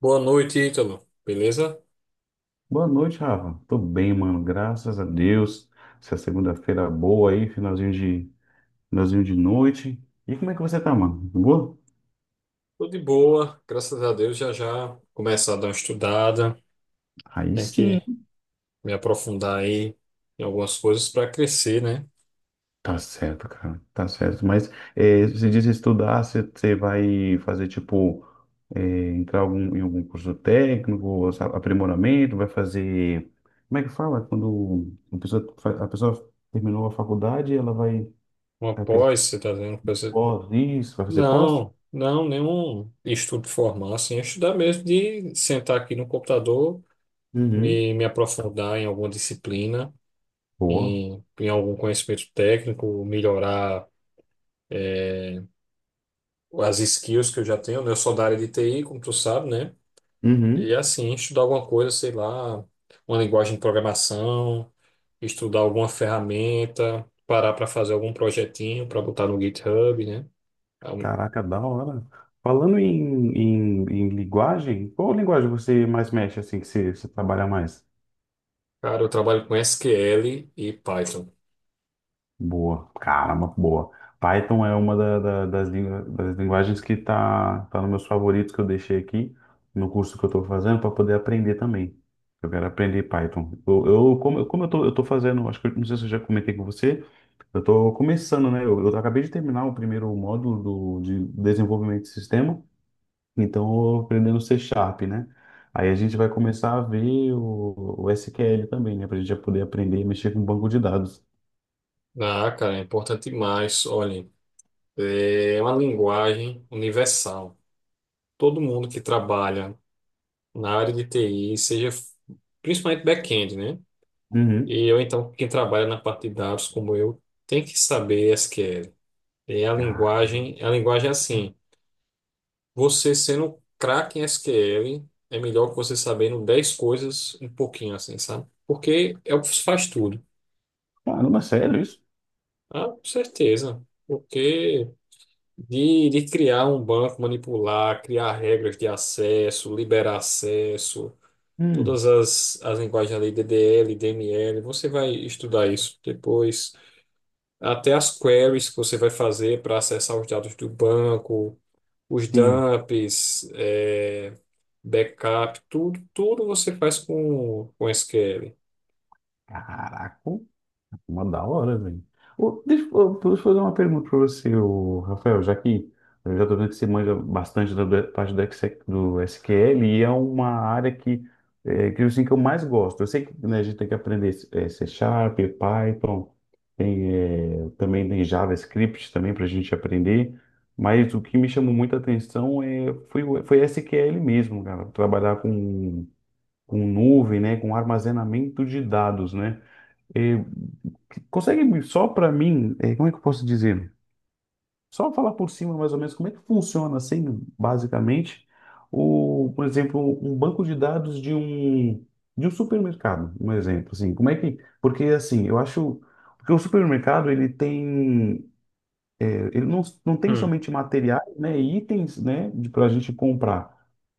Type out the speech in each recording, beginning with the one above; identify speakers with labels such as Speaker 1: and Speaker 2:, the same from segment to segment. Speaker 1: Boa noite, Ítalo. Beleza?
Speaker 2: Boa noite, Rafa. Tô bem, mano. Graças a Deus. Essa segunda-feira boa aí, finalzinho de noite. E como é que você tá, mano? Boa?
Speaker 1: Tô de boa, graças a Deus. Já já começar a dar uma estudada.
Speaker 2: Aí
Speaker 1: Tem
Speaker 2: sim.
Speaker 1: que me aprofundar aí em algumas coisas para crescer, né?
Speaker 2: Tá certo, cara. Tá certo. Mas é, você disse estudar, você vai fazer tipo entrar em algum curso técnico, aprimoramento, vai fazer. Como é que fala? Quando a pessoa, a pessoa terminou a faculdade, ela vai,
Speaker 1: Uma
Speaker 2: vai crescer
Speaker 1: pós, você tá vendo coisa.
Speaker 2: pós, isso, vai fazer pós?
Speaker 1: Não, não, nenhum estudo formal, assim. É, estudar mesmo de sentar aqui no computador,
Speaker 2: Uhum.
Speaker 1: me aprofundar em alguma disciplina,
Speaker 2: Boa.
Speaker 1: em algum conhecimento técnico, melhorar as skills que eu já tenho, né? Eu sou da área de TI, como tu sabe, né? E
Speaker 2: Uhum.
Speaker 1: assim, estudar alguma coisa, sei lá, uma linguagem de programação, estudar alguma ferramenta, parar para fazer algum projetinho para botar no GitHub, né? É Um,
Speaker 2: Caraca, da hora. Falando em linguagem, qual linguagem você mais mexe, assim, que você trabalha mais?
Speaker 1: Cara, eu trabalho com SQL e Python.
Speaker 2: Boa, caramba, boa. Python é uma das, das linguagens que tá nos meus favoritos que eu deixei aqui no curso que eu estou fazendo para poder aprender também. Eu quero aprender Python. Como, como eu tô fazendo, acho que não sei se eu já comentei com você, eu tô começando, né? Eu acabei de terminar o primeiro módulo do, de desenvolvimento de sistema. Então, eu aprendendo C Sharp, né? Aí a gente vai começar a ver o SQL também, né? Para a gente já poder aprender e mexer com um banco de dados.
Speaker 1: Ah, cara, é importante demais. Olhem, é uma linguagem universal. Todo mundo que trabalha na área de TI, principalmente back-end, né?
Speaker 2: Uhum.
Speaker 1: E eu, então, quem trabalha na parte de dados como eu, tem que saber SQL. E a
Speaker 2: Ca-
Speaker 1: linguagem, a linguagem é assim, você sendo craque em SQL, é melhor que você sabendo 10 coisas um pouquinho assim, sabe? Porque é o que faz tudo.
Speaker 2: Caramba, sério isso?
Speaker 1: Ah, com certeza. Porque de criar um banco, manipular, criar regras de acesso, liberar acesso,
Speaker 2: Hum,
Speaker 1: todas as linguagens ali, DDL, DML, você vai estudar isso depois. Até as queries que você vai fazer para acessar os dados do banco, os
Speaker 2: sim.
Speaker 1: dumps, backup, tudo, tudo você faz com SQL.
Speaker 2: Caraca. Uma da hora, velho. Ô, deixa eu fazer uma pergunta pra você, ô, Rafael, já que eu já tô vendo que você manja bastante da parte do, do SQL e é uma área que, é, que, assim, que eu mais gosto. Eu sei que né, a gente tem que aprender é, C Sharp, Python, tem, é, também tem JavaScript também para a gente aprender, mas o que me chamou muita atenção foi, foi SQL mesmo, cara. Trabalhar com nuvem, né, com armazenamento de dados, né? É, consegue só para mim, é, como é que eu posso dizer? Só falar por cima mais ou menos como é que funciona assim, basicamente, o, por exemplo, um banco de dados de um supermercado, um exemplo, assim, como é que? Porque assim, eu acho porque o supermercado ele tem ele não, não tem
Speaker 1: Hum.
Speaker 2: somente materiais, né, e itens, né, para a gente comprar.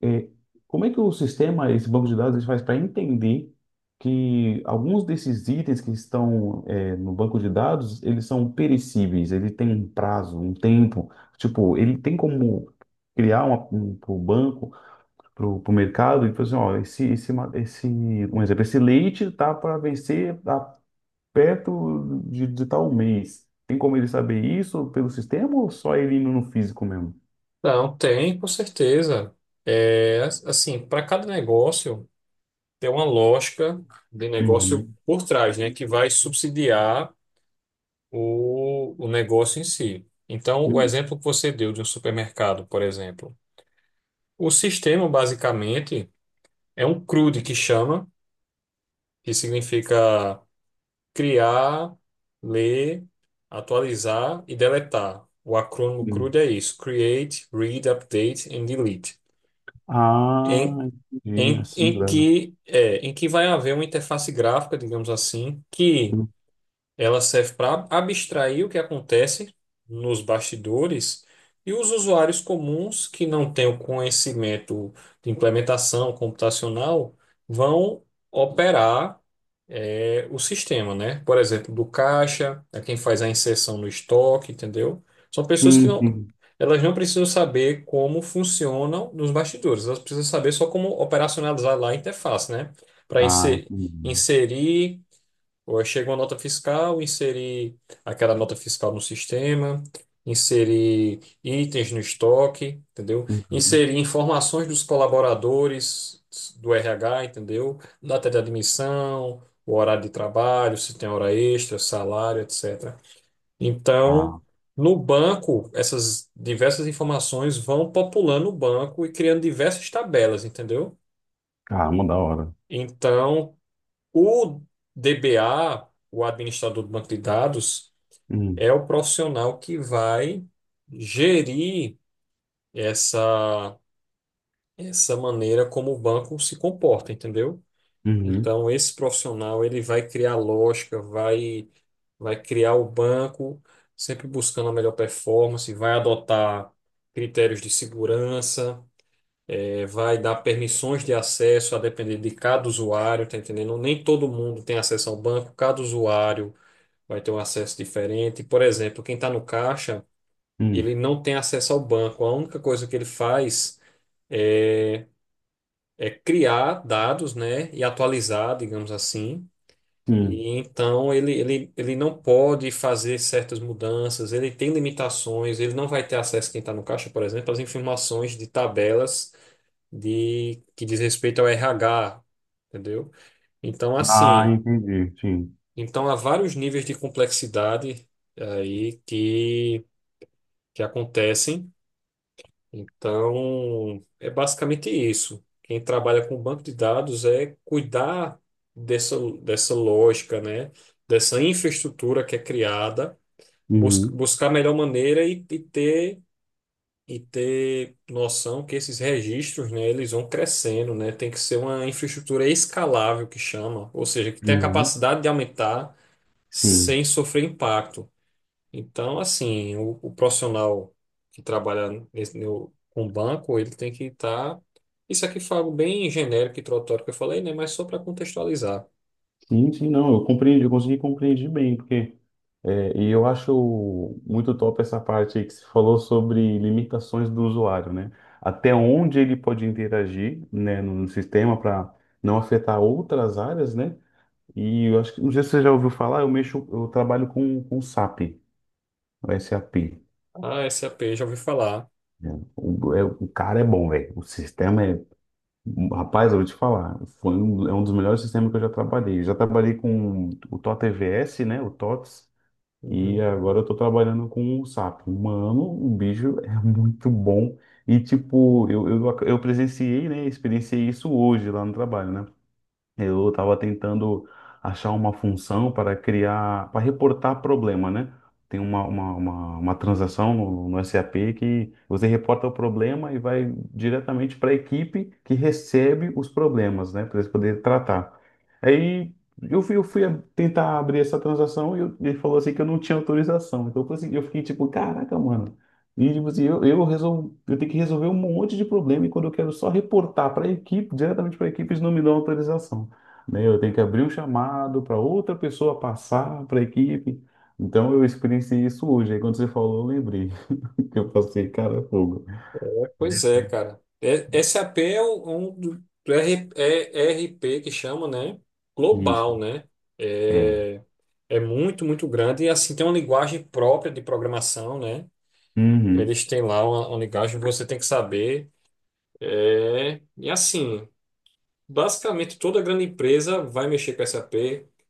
Speaker 2: É, como é que o sistema, esse banco de dados, ele faz para entender que alguns desses itens que estão, é, no banco de dados, eles são perecíveis, ele tem um prazo, um tempo. Tipo, ele tem como criar uma, um, para o banco, para o mercado, e falar assim, ó, esse, um exemplo, esse leite tá para vencer perto de tal mês. Tem como ele saber isso pelo sistema ou só ele indo no físico mesmo?
Speaker 1: Não, tem, com certeza. É, assim, para cada negócio tem uma lógica de negócio
Speaker 2: Uhum.
Speaker 1: por trás, né, que vai subsidiar o negócio em si. Então, o
Speaker 2: Uhum.
Speaker 1: exemplo que você deu de um supermercado, por exemplo, o sistema basicamente é um CRUD que chama, que significa criar, ler, atualizar e deletar. O acrônimo
Speaker 2: Uhum.
Speaker 1: CRUD é isso: Create, Read, Update and Delete.
Speaker 2: Ah,
Speaker 1: Em,
Speaker 2: entendi.
Speaker 1: em,
Speaker 2: Assim,
Speaker 1: em
Speaker 2: grana.
Speaker 1: que é, em que vai haver uma interface gráfica, digamos assim, que ela serve para abstrair o que acontece nos bastidores, e os usuários comuns que não têm o conhecimento de implementação computacional vão operar é o sistema, né? Por exemplo, do caixa, é quem faz a inserção no estoque, entendeu? São pessoas que
Speaker 2: Sim,
Speaker 1: não,
Speaker 2: sim.
Speaker 1: elas não precisam saber como funcionam nos bastidores, elas precisam saber só como operacionalizar lá a interface, né? Para
Speaker 2: Ah, entendi.
Speaker 1: inserir, ou chega uma nota fiscal, inserir aquela nota fiscal no sistema, inserir itens no estoque, entendeu?
Speaker 2: Uhum.
Speaker 1: Inserir informações dos colaboradores do RH, entendeu? Data de admissão, o horário de trabalho, se tem hora extra, salário, etc. Então,
Speaker 2: Ah,
Speaker 1: no banco, essas diversas informações vão populando o banco e criando diversas tabelas, entendeu?
Speaker 2: caramba, da hora.
Speaker 1: Então, o DBA, o administrador do banco de dados,
Speaker 2: Uhum.
Speaker 1: é o profissional que vai gerir essa, essa maneira como o banco se comporta, entendeu?
Speaker 2: Uhum.
Speaker 1: Então, esse profissional ele vai criar lógica, vai criar o banco, sempre buscando a melhor performance, vai adotar critérios de segurança, vai dar permissões de acesso a depender de cada usuário, tá entendendo? Nem todo mundo tem acesso ao banco, cada usuário vai ter um acesso diferente. Por exemplo, quem está no caixa,
Speaker 2: Uhum.
Speaker 1: ele não tem acesso ao banco. A única coisa que ele faz é, é criar dados, né, e atualizar, digamos assim.
Speaker 2: Sim.
Speaker 1: E então ele não pode fazer certas mudanças, ele tem limitações, ele não vai ter acesso, quem está no caixa, por exemplo, às informações de tabelas de que diz respeito ao RH, entendeu? Então,
Speaker 2: Ah,
Speaker 1: assim,
Speaker 2: entendi. Sim.
Speaker 1: então há vários níveis de complexidade aí que acontecem. Então, é basicamente isso. Quem trabalha com banco de dados é cuidar dessa lógica, né? Dessa infraestrutura que é criada,
Speaker 2: Uhum.
Speaker 1: buscar a melhor maneira e ter noção que esses registros, né, eles vão crescendo, né? Tem que ser uma infraestrutura escalável que chama, ou seja, que tem a
Speaker 2: Uhum.
Speaker 1: capacidade de aumentar
Speaker 2: Sim.
Speaker 1: sem sofrer impacto. Então, assim, o profissional que trabalha nesse, no, com banco, ele tem que estar. Isso aqui foi algo bem genérico e introdutório que eu falei, né? Mas só para contextualizar.
Speaker 2: Sim, sim, não. Eu compreendi, eu consegui compreender bem, porque. É, e eu acho muito top essa parte aí que você falou sobre limitações do usuário, né? Até onde ele pode interagir, né, no sistema para não afetar outras áreas, né? E eu acho que, não sei se você já ouviu falar, eu mexo, eu trabalho com SAP, o SAP.
Speaker 1: Ah, SAP, já ouvi falar.
Speaker 2: Né? O, o cara é bom, velho. O sistema é. Rapaz, eu vou te falar, é um dos melhores sistemas que eu já trabalhei. Eu já trabalhei com o TOTVS, né? O TOTS. E
Speaker 1: Uhum.
Speaker 2: agora eu tô trabalhando com o sapo. Mano, o bicho é muito bom. E, tipo, eu presenciei, né? Experienciei isso hoje lá no trabalho, né? Eu estava tentando achar uma função para criar, para reportar problema, né? Tem uma transação no SAP que você reporta o problema e vai diretamente para a equipe que recebe os problemas, né? Para eles poderem tratar. Aí eu fui tentar abrir essa transação e ele falou assim que eu não tinha autorização. Então eu falei assim, eu fiquei tipo, caraca, mano. E tipo assim, resol... eu tenho que resolver um monte de problema e quando eu quero só reportar para a equipe, diretamente para a equipe, eles não me dão autorização né? Eu tenho que abrir um chamado para outra pessoa passar para a equipe. Então eu experienciei isso hoje. Aí quando você falou, eu lembrei que eu passei, cara, é fogo.
Speaker 1: Pois é, cara. SAP é um do ERP que chama, né?
Speaker 2: Isso.
Speaker 1: Global, né?
Speaker 2: É.
Speaker 1: É, é muito, muito grande. E assim, tem uma linguagem própria de programação, né?
Speaker 2: Uhum.
Speaker 1: Eles têm lá uma linguagem que você tem que saber. É, e assim. Basicamente, toda grande empresa vai mexer com SAP.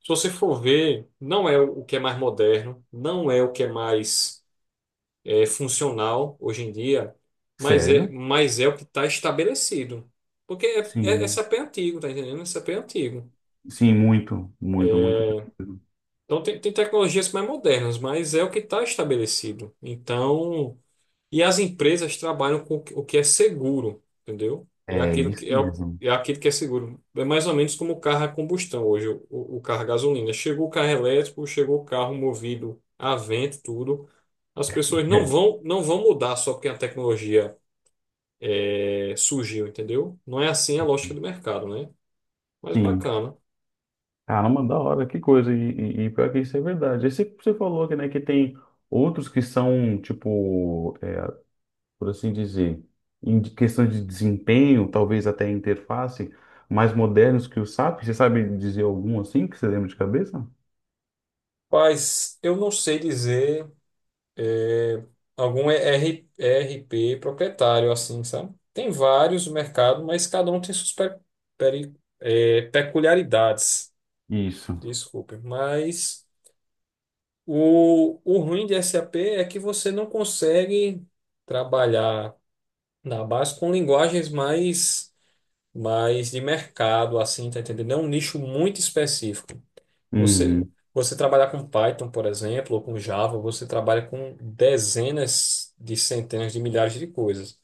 Speaker 1: Se você for ver, não é o que é mais moderno, não é o que é mais funcional hoje em dia, mas é,
Speaker 2: Sério?
Speaker 1: mas é o que está estabelecido. Porque
Speaker 2: Sim.
Speaker 1: SAP é antigo, tá entendendo? SAP é antigo.
Speaker 2: Sim, muito, muito, muito difícil.
Speaker 1: Então, tem tecnologias mais modernas, mas é o que está estabelecido. Então. E as empresas trabalham com o que é seguro, entendeu? É
Speaker 2: É
Speaker 1: aquilo
Speaker 2: isso
Speaker 1: que é, o-
Speaker 2: mesmo.
Speaker 1: É aquilo que é seguro. É mais ou menos como o carro a combustão hoje, o carro a gasolina. Chegou o carro elétrico, chegou o carro movido a vento, tudo. As pessoas não
Speaker 2: É.
Speaker 1: vão, não vão mudar só porque a tecnologia surgiu, entendeu? Não é assim a lógica do mercado, né? Mas
Speaker 2: Sim.
Speaker 1: bacana.
Speaker 2: Caramba, da hora, que coisa. E, e pior que isso é verdade. Aí você, você falou que, né, que tem outros que são, tipo, por assim dizer, em questão de desempenho, talvez até interface, mais modernos que o SAP? Você sabe dizer algum assim que você lembra de cabeça?
Speaker 1: Mas eu não sei dizer algum ER ERP proprietário, assim, sabe? Tem vários no mercado, mas cada um tem suas peri- peculiaridades.
Speaker 2: Isso.
Speaker 1: Desculpe, mas o ruim de SAP é que você não consegue trabalhar na base com linguagens mais de mercado, assim, tá entendendo? É um nicho muito específico. Você,
Speaker 2: Uhum.
Speaker 1: você trabalhar com Python, por exemplo, ou com Java, você trabalha com dezenas de centenas de milhares de coisas.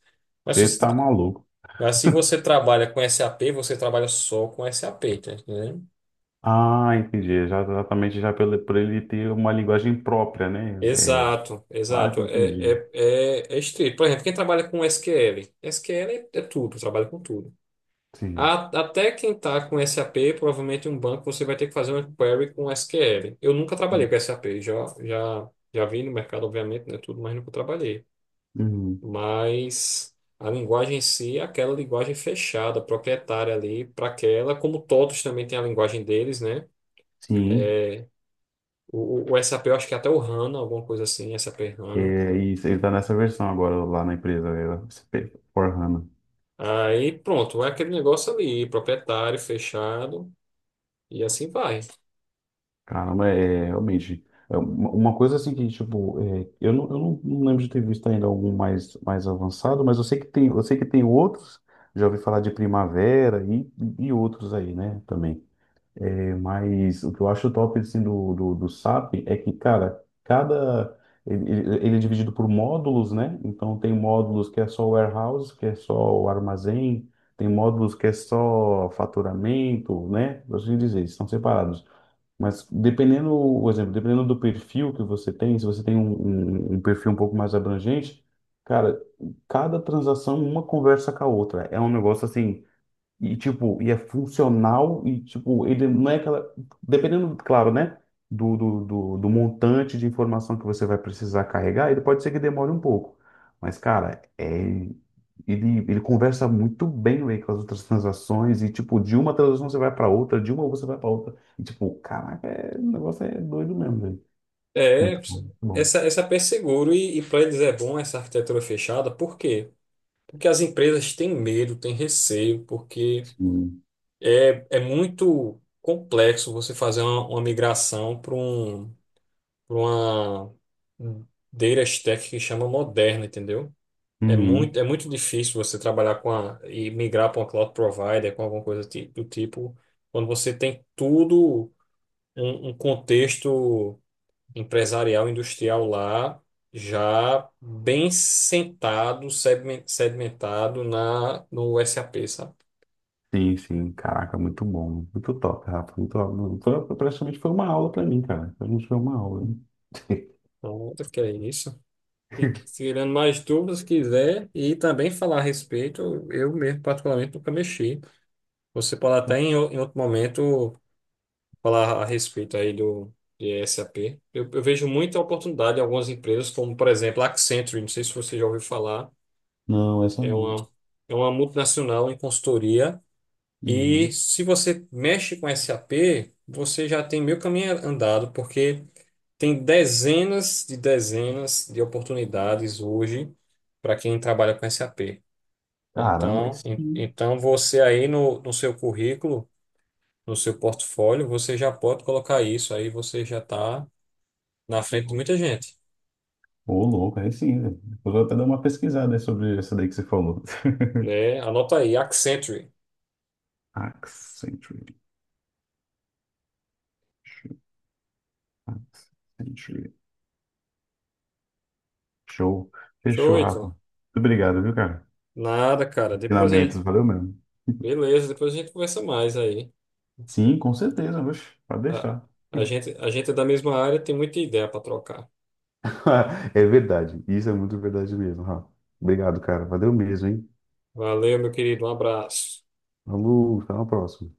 Speaker 1: Mas se
Speaker 2: Você
Speaker 1: você,
Speaker 2: tá
Speaker 1: tra-
Speaker 2: maluco.
Speaker 1: mas se você trabalha com SAP, você trabalha só com SAP, tá entendendo?
Speaker 2: Ah, entendi. Já, exatamente já pelo, por ele ter uma linguagem própria, né? É...
Speaker 1: Exato,
Speaker 2: Ah,
Speaker 1: exato.
Speaker 2: entendi.
Speaker 1: É, é estrito. Por exemplo, quem trabalha com SQL? SQL é tudo, trabalha com tudo.
Speaker 2: Sim.
Speaker 1: Até quem está com SAP, provavelmente em um banco, você vai ter que fazer uma query com SQL. Eu nunca trabalhei com SAP, já, já vi no mercado, obviamente, né, tudo, mas nunca trabalhei.
Speaker 2: Uhum.
Speaker 1: Mas a linguagem em si é aquela linguagem fechada, proprietária ali para aquela, como todos também têm a linguagem deles, né?
Speaker 2: Sim.
Speaker 1: O SAP, eu acho que é até o HANA, alguma coisa assim, SAP
Speaker 2: É,
Speaker 1: HANA.
Speaker 2: e você está nessa versão agora lá na empresa, é, SP, for hana.
Speaker 1: Aí pronto, é aquele negócio ali, proprietário, fechado, e assim vai.
Speaker 2: Caramba, é realmente. É uma coisa assim que, tipo, é, eu não, não lembro de ter visto ainda algum mais, mais avançado, mas eu sei que tem, eu sei que tem outros, já ouvi falar de Primavera e outros aí, né, também. É, mas o que eu acho top, assim, do SAP é que, cara, cada... ele é dividido por módulos, né? Então tem módulos que é só o warehouse, que é só o armazém, tem módulos que é só faturamento, né? Por assim dizer, eles estão separados. Mas dependendo, por exemplo, dependendo do perfil que você tem, se você tem um perfil um pouco mais abrangente, cara, cada transação uma conversa com a outra. É um negócio assim e, tipo, e é funcional e, tipo, ele não é aquela... Dependendo, claro, né? Do montante de informação que você vai precisar carregar, ele pode ser que demore um pouco. Mas, cara, é... ele conversa muito bem, véi, com as outras transações e, tipo, de uma transação você vai para outra, de uma você vai para outra. E, tipo, caraca, é... o negócio é doido mesmo, velho.
Speaker 1: É,
Speaker 2: Muito bom, muito bom.
Speaker 1: SAP é seguro e para eles é bom essa arquitetura fechada, por quê? Porque as empresas têm medo, têm receio, porque
Speaker 2: Sim.
Speaker 1: é muito complexo você fazer uma migração para um pra uma data stack que chama moderna, entendeu? É
Speaker 2: Uhum.
Speaker 1: muito, é muito difícil você trabalhar e migrar para uma cloud provider, com alguma coisa do tipo, quando você tem tudo, um contexto empresarial, industrial lá, já bem sentado, sedimentado no SAP, sabe?
Speaker 2: Sim, sim, caraca, muito bom, muito top, Rafa, muito top. Foi, praticamente foi uma aula pra mim, cara, praticamente foi uma aula. Hein?
Speaker 1: Então, acho que é isso. E tirando mais dúvidas, se quiser, e também falar a respeito, eu mesmo, particularmente, nunca mexi. Você pode até em outro momento falar a respeito aí do de SAP. Eu vejo muita oportunidade em algumas empresas, como por exemplo a Accenture, não sei se você já ouviu falar,
Speaker 2: Não, essa
Speaker 1: é
Speaker 2: não.
Speaker 1: uma, é uma multinacional em consultoria. E
Speaker 2: Uhum.
Speaker 1: se você mexe com SAP, você já tem meio caminho andado, porque tem dezenas de oportunidades hoje para quem trabalha com SAP.
Speaker 2: Caramba, aí
Speaker 1: Então,
Speaker 2: sim.
Speaker 1: então você aí no, seu currículo, no seu portfólio, você já pode colocar isso, aí você já está na frente de muita gente,
Speaker 2: Ô, louco, aí sim, velho. Depois eu vou até dar uma pesquisada aí sobre essa daí que você falou.
Speaker 1: né? Anota aí, Accenture.
Speaker 2: Accenture. Accenture. Show.
Speaker 1: Show,
Speaker 2: Fechou, Rafa.
Speaker 1: Ítalo.
Speaker 2: Muito obrigado, viu, cara?
Speaker 1: Nada, cara. Depois.
Speaker 2: Ensinamentos, valeu mesmo.
Speaker 1: Beleza, depois a gente conversa mais aí.
Speaker 2: Sim, com certeza, oxe, pode
Speaker 1: A,
Speaker 2: deixar.
Speaker 1: a gente é da mesma área, tem muita ideia para trocar.
Speaker 2: É verdade. Isso é muito verdade mesmo, Rafa. Obrigado, cara. Valeu mesmo, hein?
Speaker 1: Valeu, meu querido. Um abraço.
Speaker 2: Falou, até uma próxima.